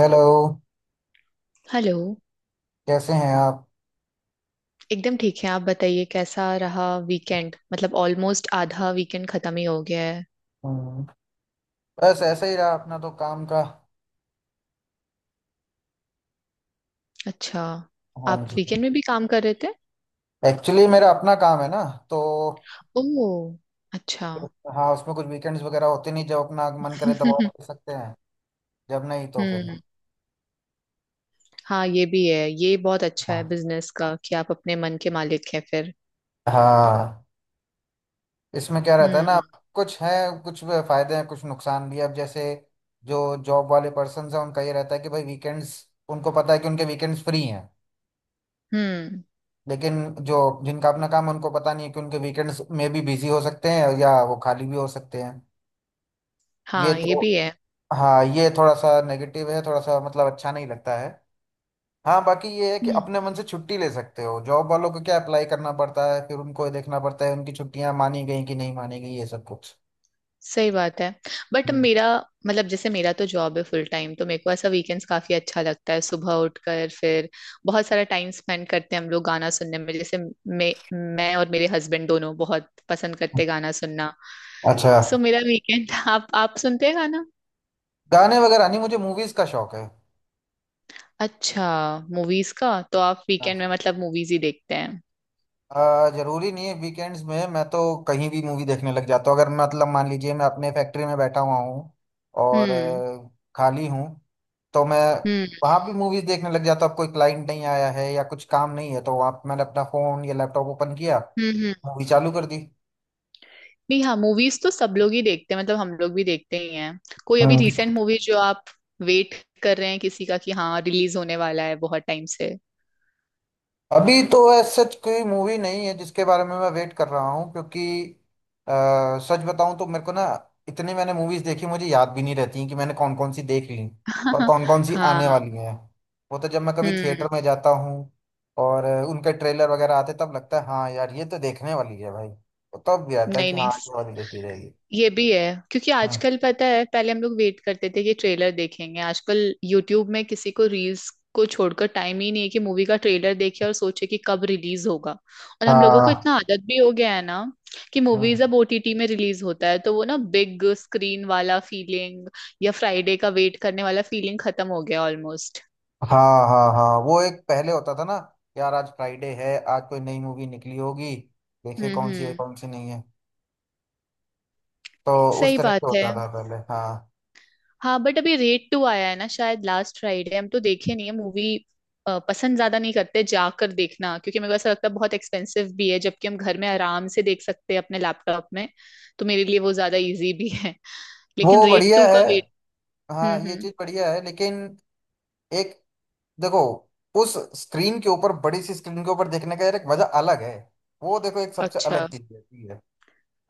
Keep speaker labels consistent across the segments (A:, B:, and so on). A: Hello.
B: Hello.
A: कैसे हैं आप?
B: एकदम ठीक है। आप बताइए कैसा रहा वीकेंड? मतलब ऑलमोस्ट आधा वीकेंड खत्म ही हो गया है।
A: हम्म, बस ऐसे ही रहा अपना तो काम का।
B: अच्छा।
A: हाँ
B: आप
A: जी।
B: वीकेंड में भी काम कर रहे थे?
A: एक्चुअली मेरा अपना काम है ना तो
B: ओह, अच्छा।
A: हाँ, उसमें कुछ वीकेंड्स वगैरह होते नहीं, जब अपना मन करे तब ऑफ कर सकते हैं। जब नहीं तो फिर
B: हम्म।
A: नहीं।
B: हाँ ये भी है, ये बहुत अच्छा है
A: हाँ,
B: बिजनेस का कि आप अपने मन के मालिक हैं फिर।
A: हाँ। इसमें क्या रहता है ना।
B: हम्म।
A: कुछ है, कुछ फायदे हैं, कुछ नुकसान भी है। अब जैसे जो जॉब वाले पर्सन हैं उनका ये रहता है कि भाई वीकेंड्स, उनको पता है कि उनके वीकेंड्स फ्री हैं।
B: हम्म।
A: लेकिन जो जिनका अपना काम है उनको पता नहीं है कि उनके वीकेंड्स में भी बिजी हो सकते हैं या वो खाली भी हो सकते हैं। ये
B: हाँ ये
A: तो
B: भी है।
A: हाँ, ये थोड़ा सा नेगेटिव है, थोड़ा सा मतलब अच्छा नहीं लगता है। हाँ, बाकी ये है कि
B: हम्म।
A: अपने मन से छुट्टी ले सकते हो, जॉब वालों को क्या अप्लाई करना पड़ता है, फिर उनको ये देखना पड़ता है उनकी छुट्टियां मानी गई कि नहीं मानी गई, ये सब कुछ।
B: सही बात है। बट
A: हम्म।
B: मेरा मतलब जैसे मेरा तो जॉब है फुल टाइम, तो मेरे को ऐसा वीकेंड्स काफी अच्छा लगता है, सुबह उठकर फिर बहुत सारा टाइम स्पेंड करते हैं हम लोग गाना सुनने में। जैसे मैं मैं और मेरे हस्बैंड दोनों बहुत पसंद करते हैं गाना सुनना।
A: अच्छा।
B: सो मेरा वीकेंड। आप सुनते हैं गाना?
A: गाने वगैरह नहीं, मुझे मूवीज का शौक है।
B: अच्छा। मूवीज का तो आप वीकेंड में
A: हाँ।
B: मतलब मूवीज ही देखते हैं?
A: जरूरी नहीं है वीकेंड्स में, मैं तो कहीं भी मूवी देखने लग जाता हूँ। अगर मतलब मान लीजिए मैं अपने फैक्ट्री में बैठा हुआ हूँ और
B: हम्म।
A: खाली हूँ, तो मैं
B: हम्म।
A: वहाँ भी मूवीज देखने लग जाता हूँ। अब कोई क्लाइंट नहीं आया है या कुछ काम नहीं है, तो वहाँ पे मैंने अपना फोन या लैपटॉप ओपन किया,
B: हम्म
A: मूवी चालू कर दी।
B: भी। हाँ, मूवीज तो सब लोग ही देखते हैं, मतलब हम लोग भी देखते ही हैं। कोई अभी
A: हम्म।
B: रिसेंट मूवी जो आप वेट कर रहे हैं किसी का कि हाँ रिलीज होने वाला है बहुत टाइम से?
A: अभी तो ऐसा सच कोई मूवी नहीं है जिसके बारे में मैं वेट कर रहा हूँ, क्योंकि सच बताऊं तो मेरे को ना इतनी मैंने मूवीज देखी मुझे याद भी नहीं रहती कि मैंने कौन कौन सी देख ली और कौन कौन सी
B: हाँ।
A: आने वाली हैं। वो तो जब मैं कभी
B: हम्म।
A: थिएटर में जाता हूँ और उनके ट्रेलर वगैरह आते तब लगता है हाँ यार ये तो देखने वाली है भाई, तो तब भी आता है
B: नहीं
A: कि
B: नहीं,
A: हाँ, ये वाली देखी जाएगी।
B: ये भी है। क्योंकि
A: हाँ,
B: आजकल पता है, पहले हम लोग वेट करते थे कि ट्रेलर देखेंगे, आजकल यूट्यूब में किसी को रील्स को छोड़कर टाइम ही नहीं है कि मूवी का ट्रेलर देखे और सोचे कि कब रिलीज होगा। और हम लोगों को
A: हाँ।
B: इतना आदत भी हो गया है ना कि
A: हम्म।
B: मूवीज अब ओटीटी में रिलीज होता है, तो वो ना बिग स्क्रीन वाला फीलिंग या फ्राइडे का वेट करने वाला फीलिंग खत्म हो गया ऑलमोस्ट।
A: हाँ हाँ हाँ, वो एक पहले होता था ना। यार आज फ्राइडे है, आज कोई नई मूवी निकली होगी, देखे
B: हम्म।
A: कौन सी है
B: हम्म।
A: कौन सी नहीं है। तो उस
B: सही
A: तरह
B: बात
A: से
B: है।
A: होता था पहले, हाँ।
B: हाँ, बट अभी रेड टू आया है ना शायद लास्ट फ्राइडे, हम तो देखे नहीं है मूवी। पसंद ज्यादा नहीं करते जाकर देखना, क्योंकि मेरे को ऐसा लगता है बहुत एक्सपेंसिव भी है, जबकि हम घर में आराम से देख सकते हैं अपने लैपटॉप में। तो मेरे लिए वो ज्यादा इजी भी है। लेकिन
A: वो
B: रेड
A: बढ़िया
B: टू का
A: है।
B: वेट।
A: हाँ,
B: हम्म।
A: ये
B: हम्म।
A: चीज बढ़िया है लेकिन एक देखो उस स्क्रीन के ऊपर, बड़ी सी स्क्रीन के ऊपर देखने का यार एक मजा अलग है। वो देखो एक सबसे अलग
B: अच्छा।
A: चीज रहती है।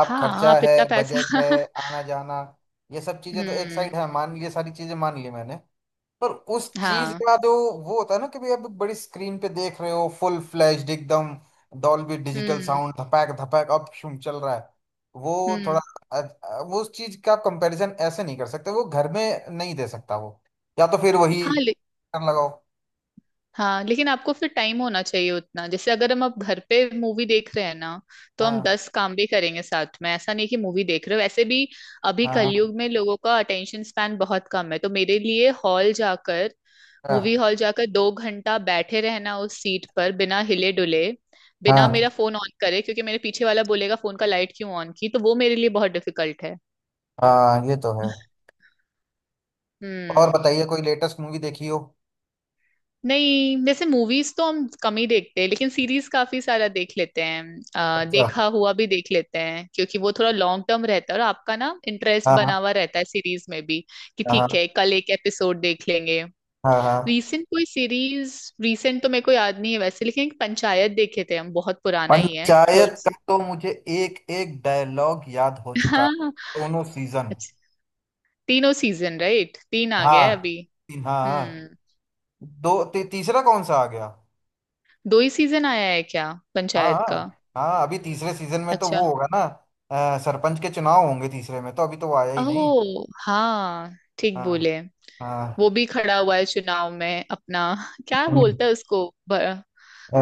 A: आप
B: हाँ
A: खर्चा
B: आप
A: है,
B: इतना
A: बजट
B: पैसा।
A: है, आना जाना, ये सब चीजें तो एक साइड
B: हम्म।
A: है, मान लिए सारी चीजें मान ली मैंने। पर उस चीज
B: हाँ।
A: का जो वो होता है ना कि भाई अब बड़ी स्क्रीन पे देख रहे हो, फुल फ्लैश्ड एकदम, डॉल्बी डिजिटल
B: हम्म।
A: साउंड, धपैक धपैक अब शुम चल रहा है। वो थोड़ा
B: हम्म।
A: वो उस चीज का कंपैरिजन ऐसे नहीं कर सकते, वो घर में नहीं दे सकता। वो या तो फिर वही
B: हाँ
A: कर लगाओ।
B: हाँ, लेकिन आपको फिर टाइम होना चाहिए उतना। जैसे अगर हम अब घर पे मूवी देख रहे हैं ना, तो हम
A: हाँ
B: दस काम भी करेंगे साथ में, ऐसा नहीं कि मूवी देख रहे हो वैसे भी। अभी
A: हाँ
B: कलयुग में लोगों का अटेंशन स्पैन बहुत कम है, तो मेरे लिए हॉल जाकर मूवी
A: हाँ
B: हॉल जाकर दो घंटा बैठे रहना उस सीट पर बिना हिले डुले, बिना
A: हाँ।
B: मेरा फोन ऑन करे, क्योंकि मेरे पीछे वाला बोलेगा फोन का लाइट क्यों ऑन की, तो वो मेरे लिए बहुत डिफिकल्ट है।
A: हाँ, ये तो है। और
B: हम्म।
A: बताइए कोई लेटेस्ट मूवी देखी हो?
B: नहीं वैसे मूवीज तो हम कम ही देखते हैं, लेकिन सीरीज काफी सारा देख लेते हैं।
A: अच्छा।
B: देखा हुआ भी देख लेते हैं, क्योंकि वो थोड़ा लॉन्ग टर्म रहता है और आपका ना इंटरेस्ट बना
A: हाँ
B: हुआ रहता है सीरीज में भी, कि ठीक
A: हाँ
B: है कल एक एपिसोड देख लेंगे।
A: हाँ हाँ।
B: रीसेंट कोई सीरीज? रीसेंट तो मेरे को याद नहीं है वैसे, लेकिन एक पंचायत देखे थे हम, बहुत पुराना ही है, थर्ड
A: पंचायत
B: से।
A: का तो मुझे एक एक डायलॉग याद हो चुका है,
B: हाँ।
A: दोनों सीजन।
B: अच्छा। तीनों सीजन राइट? तीन आ गया है
A: हाँ
B: अभी।
A: हाँ।
B: हम्म।
A: तीसरा कौन सा आ गया?
B: दो ही सीजन आया है क्या
A: हाँ
B: पंचायत
A: हाँ
B: का?
A: हाँ, अभी तीसरे सीजन में तो
B: अच्छा।
A: वो होगा ना, सरपंच के चुनाव होंगे तीसरे में, तो अभी तो वो आया ही नहीं।
B: ओह हाँ, ठीक
A: हाँ
B: बोले। वो
A: हाँ।
B: भी खड़ा हुआ है चुनाव में अपना। क्या
A: हम्म,
B: बोलता है उसको?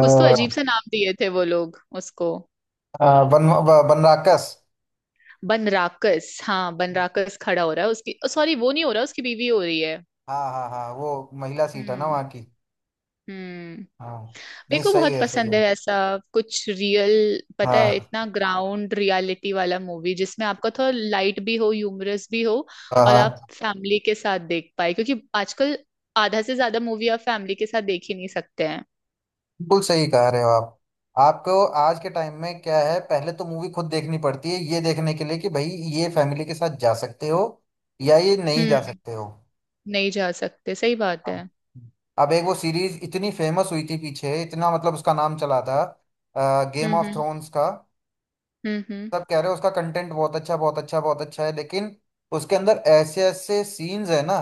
B: कुछ तो अजीब सा नाम दिए थे वो लोग उसको।
A: बनराकस।
B: बनराकस, हाँ बनराकस खड़ा हो रहा है उसकी, सॉरी वो नहीं हो रहा उसकी बीवी हो रही है।
A: हाँ हाँ हाँ, वो महिला सीट है ना
B: हम्म।
A: वहाँ की।
B: हम्म।
A: हाँ।
B: मेरे
A: नहीं,
B: को
A: सही
B: बहुत
A: है सही
B: पसंद
A: है।
B: है ऐसा कुछ रियल, पता है,
A: हाँ
B: इतना ग्राउंड रियलिटी वाला मूवी जिसमें आपका थोड़ा लाइट भी हो, ह्यूमरस भी हो,
A: हाँ
B: और आप
A: हाँ।
B: फैमिली के साथ देख पाए। क्योंकि आजकल आधा से ज्यादा मूवी आप फैमिली के साथ देख ही नहीं सकते हैं।
A: बिल्कुल सही कह रहे हो आप। आपको आज के टाइम में क्या है, पहले तो मूवी खुद देखनी पड़ती है ये देखने के लिए कि भाई ये फैमिली के साथ जा सकते हो या ये नहीं जा
B: हम्म।
A: सकते हो।
B: नहीं जा सकते, सही बात
A: हाँ।
B: है।
A: अब एक वो सीरीज इतनी फेमस हुई थी पीछे, इतना मतलब उसका नाम चला था, गेम
B: हम्म।
A: ऑफ
B: हम्म।
A: थ्रोन्स का
B: हम्म। हम्म।
A: सब कह रहे हो उसका कंटेंट बहुत अच्छा बहुत अच्छा बहुत अच्छा है, लेकिन उसके अंदर ऐसे ऐसे सीन्स है ना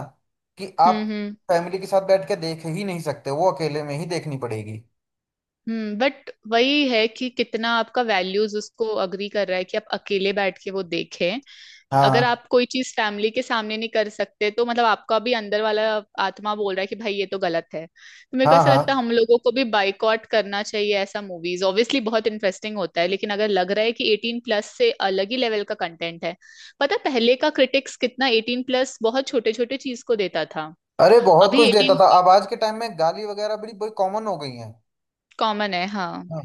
A: कि आप
B: हम्म। हम्म।
A: फैमिली के साथ बैठ के देख ही नहीं सकते, वो अकेले में ही देखनी पड़ेगी।
B: हम्म। बट वही है कि कितना आपका वैल्यूज उसको अग्री कर रहा है कि आप अकेले बैठ के वो देखें। अगर
A: हाँ
B: आप कोई चीज फैमिली के सामने नहीं कर सकते, तो मतलब आपका भी अंदर वाला आत्मा बोल रहा है कि भाई ये तो गलत है, तो मेरे को
A: हाँ
B: ऐसा
A: हाँ
B: लगता है हम
A: हाँ।
B: लोगों को भी बाइकॉट करना चाहिए ऐसा मूवीज। ऑब्वियसली बहुत इंटरेस्टिंग होता है, लेकिन अगर लग रहा है कि एटीन प्लस से अलग ही लेवल का कंटेंट है। पता है पहले का क्रिटिक्स कितना एटीन प्लस बहुत छोटे छोटे चीज को देता था,
A: अरे बहुत
B: अभी
A: कुछ लेता
B: एटीन
A: था, अब आज के टाइम में गाली वगैरह बड़ी बड़ी कॉमन हो गई हैं।
B: कॉमन है हाँ।
A: हाँ।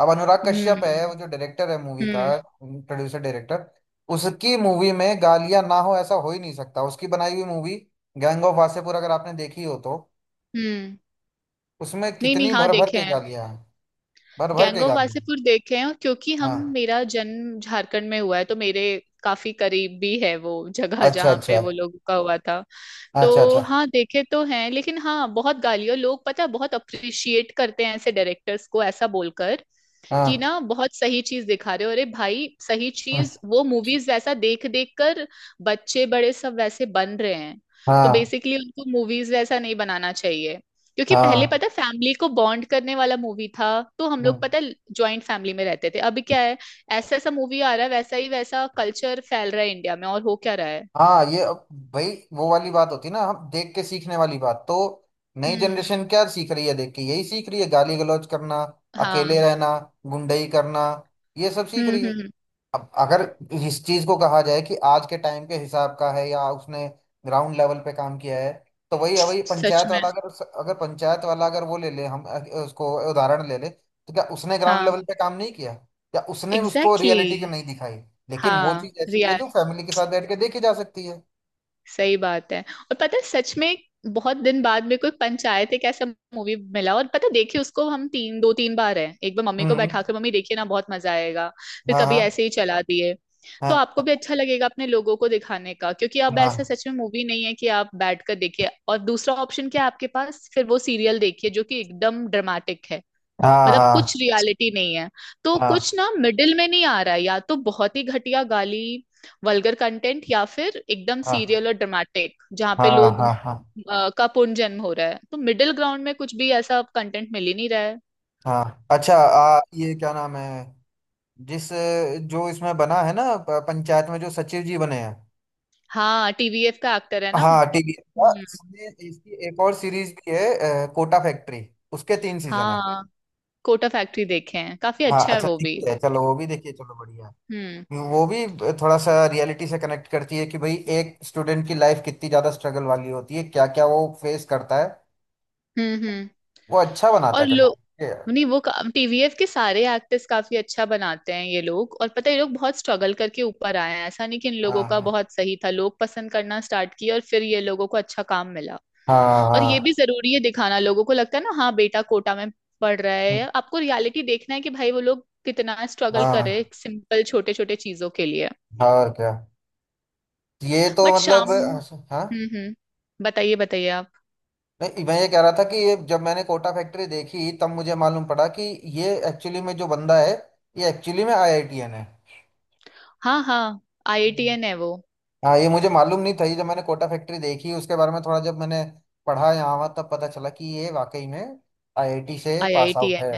A: अब अनुराग कश्यप है वो,
B: हम्म।
A: जो डायरेक्टर है मूवी का,
B: हम्म।
A: प्रोड्यूसर डायरेक्टर, उसकी मूवी में गालियां ना हो ऐसा हो ही नहीं सकता। उसकी बनाई हुई मूवी गैंग ऑफ वासेपुर, अगर आपने देखी हो तो
B: हम्म।
A: उसमें
B: नहीं नहीं,
A: कितनी
B: हाँ
A: भर भर
B: देखे
A: के
B: हैं,
A: गालियां हैं। भर भर
B: गैंग
A: के
B: ऑफ
A: गालियां हैं।
B: वासेपुर देखे हैं, और क्योंकि हम,
A: हाँ।
B: मेरा जन्म झारखंड में हुआ है, तो मेरे काफी करीब भी है वो जगह
A: अच्छा
B: जहाँ पे
A: अच्छा
B: वो लोगों का हुआ था।
A: अच्छा
B: तो
A: अच्छा।
B: हाँ देखे तो हैं, लेकिन हाँ बहुत गालियों। लोग पता है बहुत अप्रिशिएट करते हैं ऐसे डायरेक्टर्स को, ऐसा बोलकर कि
A: हाँ
B: ना बहुत सही चीज दिखा रहे हो। अरे भाई, सही चीज वो मूवीज वैसा देख देख कर बच्चे बड़े सब वैसे बन रहे हैं। तो
A: हाँ
B: बेसिकली उनको मूवीज वैसा नहीं बनाना चाहिए। क्योंकि पहले
A: हाँ
B: पता, फैमिली को बॉन्ड करने वाला मूवी था, तो हम लोग
A: हाँ
B: पता ज्वाइंट फैमिली में रहते थे, अभी क्या है? ऐसा ऐसा मूवी आ रहा है, वैसा ही वैसा कल्चर फैल रहा है इंडिया में, और हो क्या रहा है?
A: हाँ। ये अब भाई वो वाली बात होती है ना, हम देख के सीखने वाली बात। तो नई
B: हम्म।
A: जनरेशन क्या सीख रही है देख के, यही सीख रही है, गाली गलौज करना,
B: हाँ।
A: अकेले रहना, गुंडई करना, ये सब सीख
B: हम्म।
A: रही है।
B: हम्म।
A: अब अगर इस चीज को कहा जाए कि आज के टाइम के हिसाब का है या उसने ग्राउंड लेवल पे काम किया है, तो वही है वही
B: सच
A: पंचायत
B: में।
A: वाला, अगर उस- अगर पंचायत वाला अगर वो ले ले, हम उसको उदाहरण ले ले तो क्या उसने ग्राउंड
B: हाँ
A: लेवल पे काम नहीं किया या उसने उसको
B: एग्जैक्टली,
A: रियलिटी जो
B: exactly।
A: नहीं दिखाई? लेकिन वो
B: हाँ
A: चीज ऐसी है जो फैमिली के साथ बैठ के देखी जा सकती है।
B: सही बात है। और पता है सच में, बहुत दिन बाद में कोई पंचायत एक ऐसा मूवी मिला, और पता है, देखिए उसको हम तीन दो तीन बार है, एक बार मम्मी को
A: हम्म।
B: बैठा के, मम्मी देखिए ना बहुत मजा आएगा, फिर
A: हाँ
B: कभी
A: हाँ
B: ऐसे ही चला दिए। तो
A: हाँ
B: आपको भी अच्छा लगेगा अपने लोगों को दिखाने का, क्योंकि अब ऐसा
A: हाँ
B: सच में मूवी नहीं है कि आप बैठ कर देखिए, और दूसरा ऑप्शन क्या है आपके पास? फिर वो सीरियल देखिए जो कि एकदम ड्रामेटिक है,
A: हाँ
B: मतलब कुछ
A: हाँ
B: रियलिटी नहीं है। तो कुछ
A: हाँ
B: ना मिडिल में नहीं आ रहा है, या तो बहुत ही घटिया गाली वल्गर कंटेंट, या फिर एकदम सीरियल
A: हाँ
B: और ड्रामेटिक जहाँ पे
A: हाँ
B: लोग
A: हाँ हाँ
B: का पुनर्जन्म हो रहा है, तो मिडिल ग्राउंड में कुछ भी ऐसा कंटेंट मिल ही नहीं रहा है।
A: हाँ। अच्छा, ये क्या नाम है जिस जो इसमें बना है ना, पंचायत में जो सचिव जी बने हैं?
B: हाँ टीवीएफ का एक्टर है ना।
A: हाँ, टीवीएस का,
B: हम्म।
A: इसमें इसकी एक और सीरीज भी है, कोटा फैक्ट्री, उसके तीन सीजन है।
B: हाँ, कोटा फैक्ट्री देखे हैं, काफी
A: हाँ
B: अच्छा है
A: अच्छा,
B: वो भी।
A: देखिए है चलो वो भी देखिए, चलो बढ़िया
B: हम्म।
A: है। वो भी थोड़ा सा रियलिटी से कनेक्ट करती है कि भाई एक स्टूडेंट की लाइफ कितनी ज्यादा स्ट्रगल वाली होती है, क्या क्या वो फेस करता है।
B: हम्म। हम्म।
A: वो अच्छा बनाता
B: और
A: है
B: लोग,
A: कंटेंट।
B: नहीं वो टीवीएफ के सारे एक्टर्स काफी अच्छा बनाते हैं ये लोग, और पता है ये लोग बहुत स्ट्रगल करके ऊपर आए हैं, ऐसा नहीं कि इन लोगों
A: हाँ
B: का
A: हाँ
B: बहुत सही था, लोग पसंद करना स्टार्ट किए और फिर ये लोगों को अच्छा काम मिला। और ये भी
A: हाँ
B: जरूरी है दिखाना, लोगों को लगता है ना हाँ बेटा कोटा में पढ़ रहा है, आपको रियलिटी देखना है कि भाई वो लोग कितना स्ट्रगल कर रहे हैं
A: हाँ
B: सिंपल छोटे छोटे चीजों के लिए।
A: हाँ, और क्या, ये तो
B: बट
A: मतलब,
B: शाम।
A: हाँ
B: हम्म।
A: हाँ।
B: हम्म। बताइए बताइए आप।
A: नहीं, मैं ये कह रहा था कि ये जब मैंने कोटा फैक्ट्री देखी तब मुझे मालूम पड़ा कि ये एक्चुअली में जो बंदा है ये एक्चुअली में आईआईटीएन है।
B: हाँ हाँ,
A: हम्म।
B: आईआईटीएन है वो।
A: हाँ, ये मुझे मालूम नहीं था, ये जब मैंने कोटा फैक्ट्री देखी उसके बारे में थोड़ा जब मैंने पढ़ा यहाँ वहाँ तब पता चला कि ये वाकई में आईआईटी से पास आउट है।
B: आईआईटीएन।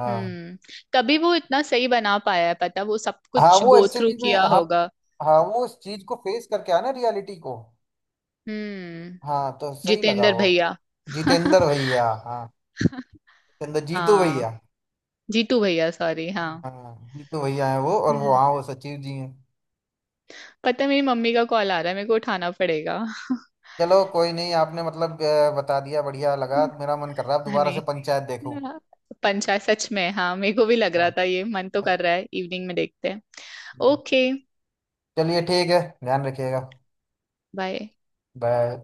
A: हाँ
B: तभी वो इतना सही बना पाया है, पता वो सब
A: हाँ,
B: कुछ
A: वो
B: गो थ्रू
A: एक्चुअली में,
B: किया
A: हाँ
B: होगा।
A: हाँ, वो उस चीज को फेस करके आया ना रियलिटी को।
B: हम्म।
A: हाँ तो सही लगा
B: जितेंद्र
A: वो।
B: भैया।
A: जितेंद्र भैया, हाँ। जितेंद्र जीतू
B: हाँ
A: भैया।
B: जीतू भैया, सॉरी, हाँ।
A: हाँ, जीतू भैया है वो और वो,
B: हम्म।
A: हाँ, वो सचिव जी हैं।
B: पता है मेरी मम्मी का कॉल आ रहा है, मेरे को उठाना पड़ेगा।
A: चलो कोई नहीं, आपने मतलब बता दिया, बढ़िया लगा, मेरा मन कर रहा है अब दोबारा
B: नहीं,
A: से पंचायत देखूं।
B: पंचायत सच में, हाँ मेरे को भी लग रहा
A: हाँ,
B: था ये, मन तो कर रहा है इवनिंग में देखते हैं। ओके।
A: चलिए ठीक है, ध्यान रखिएगा।
B: बाय।
A: बाय।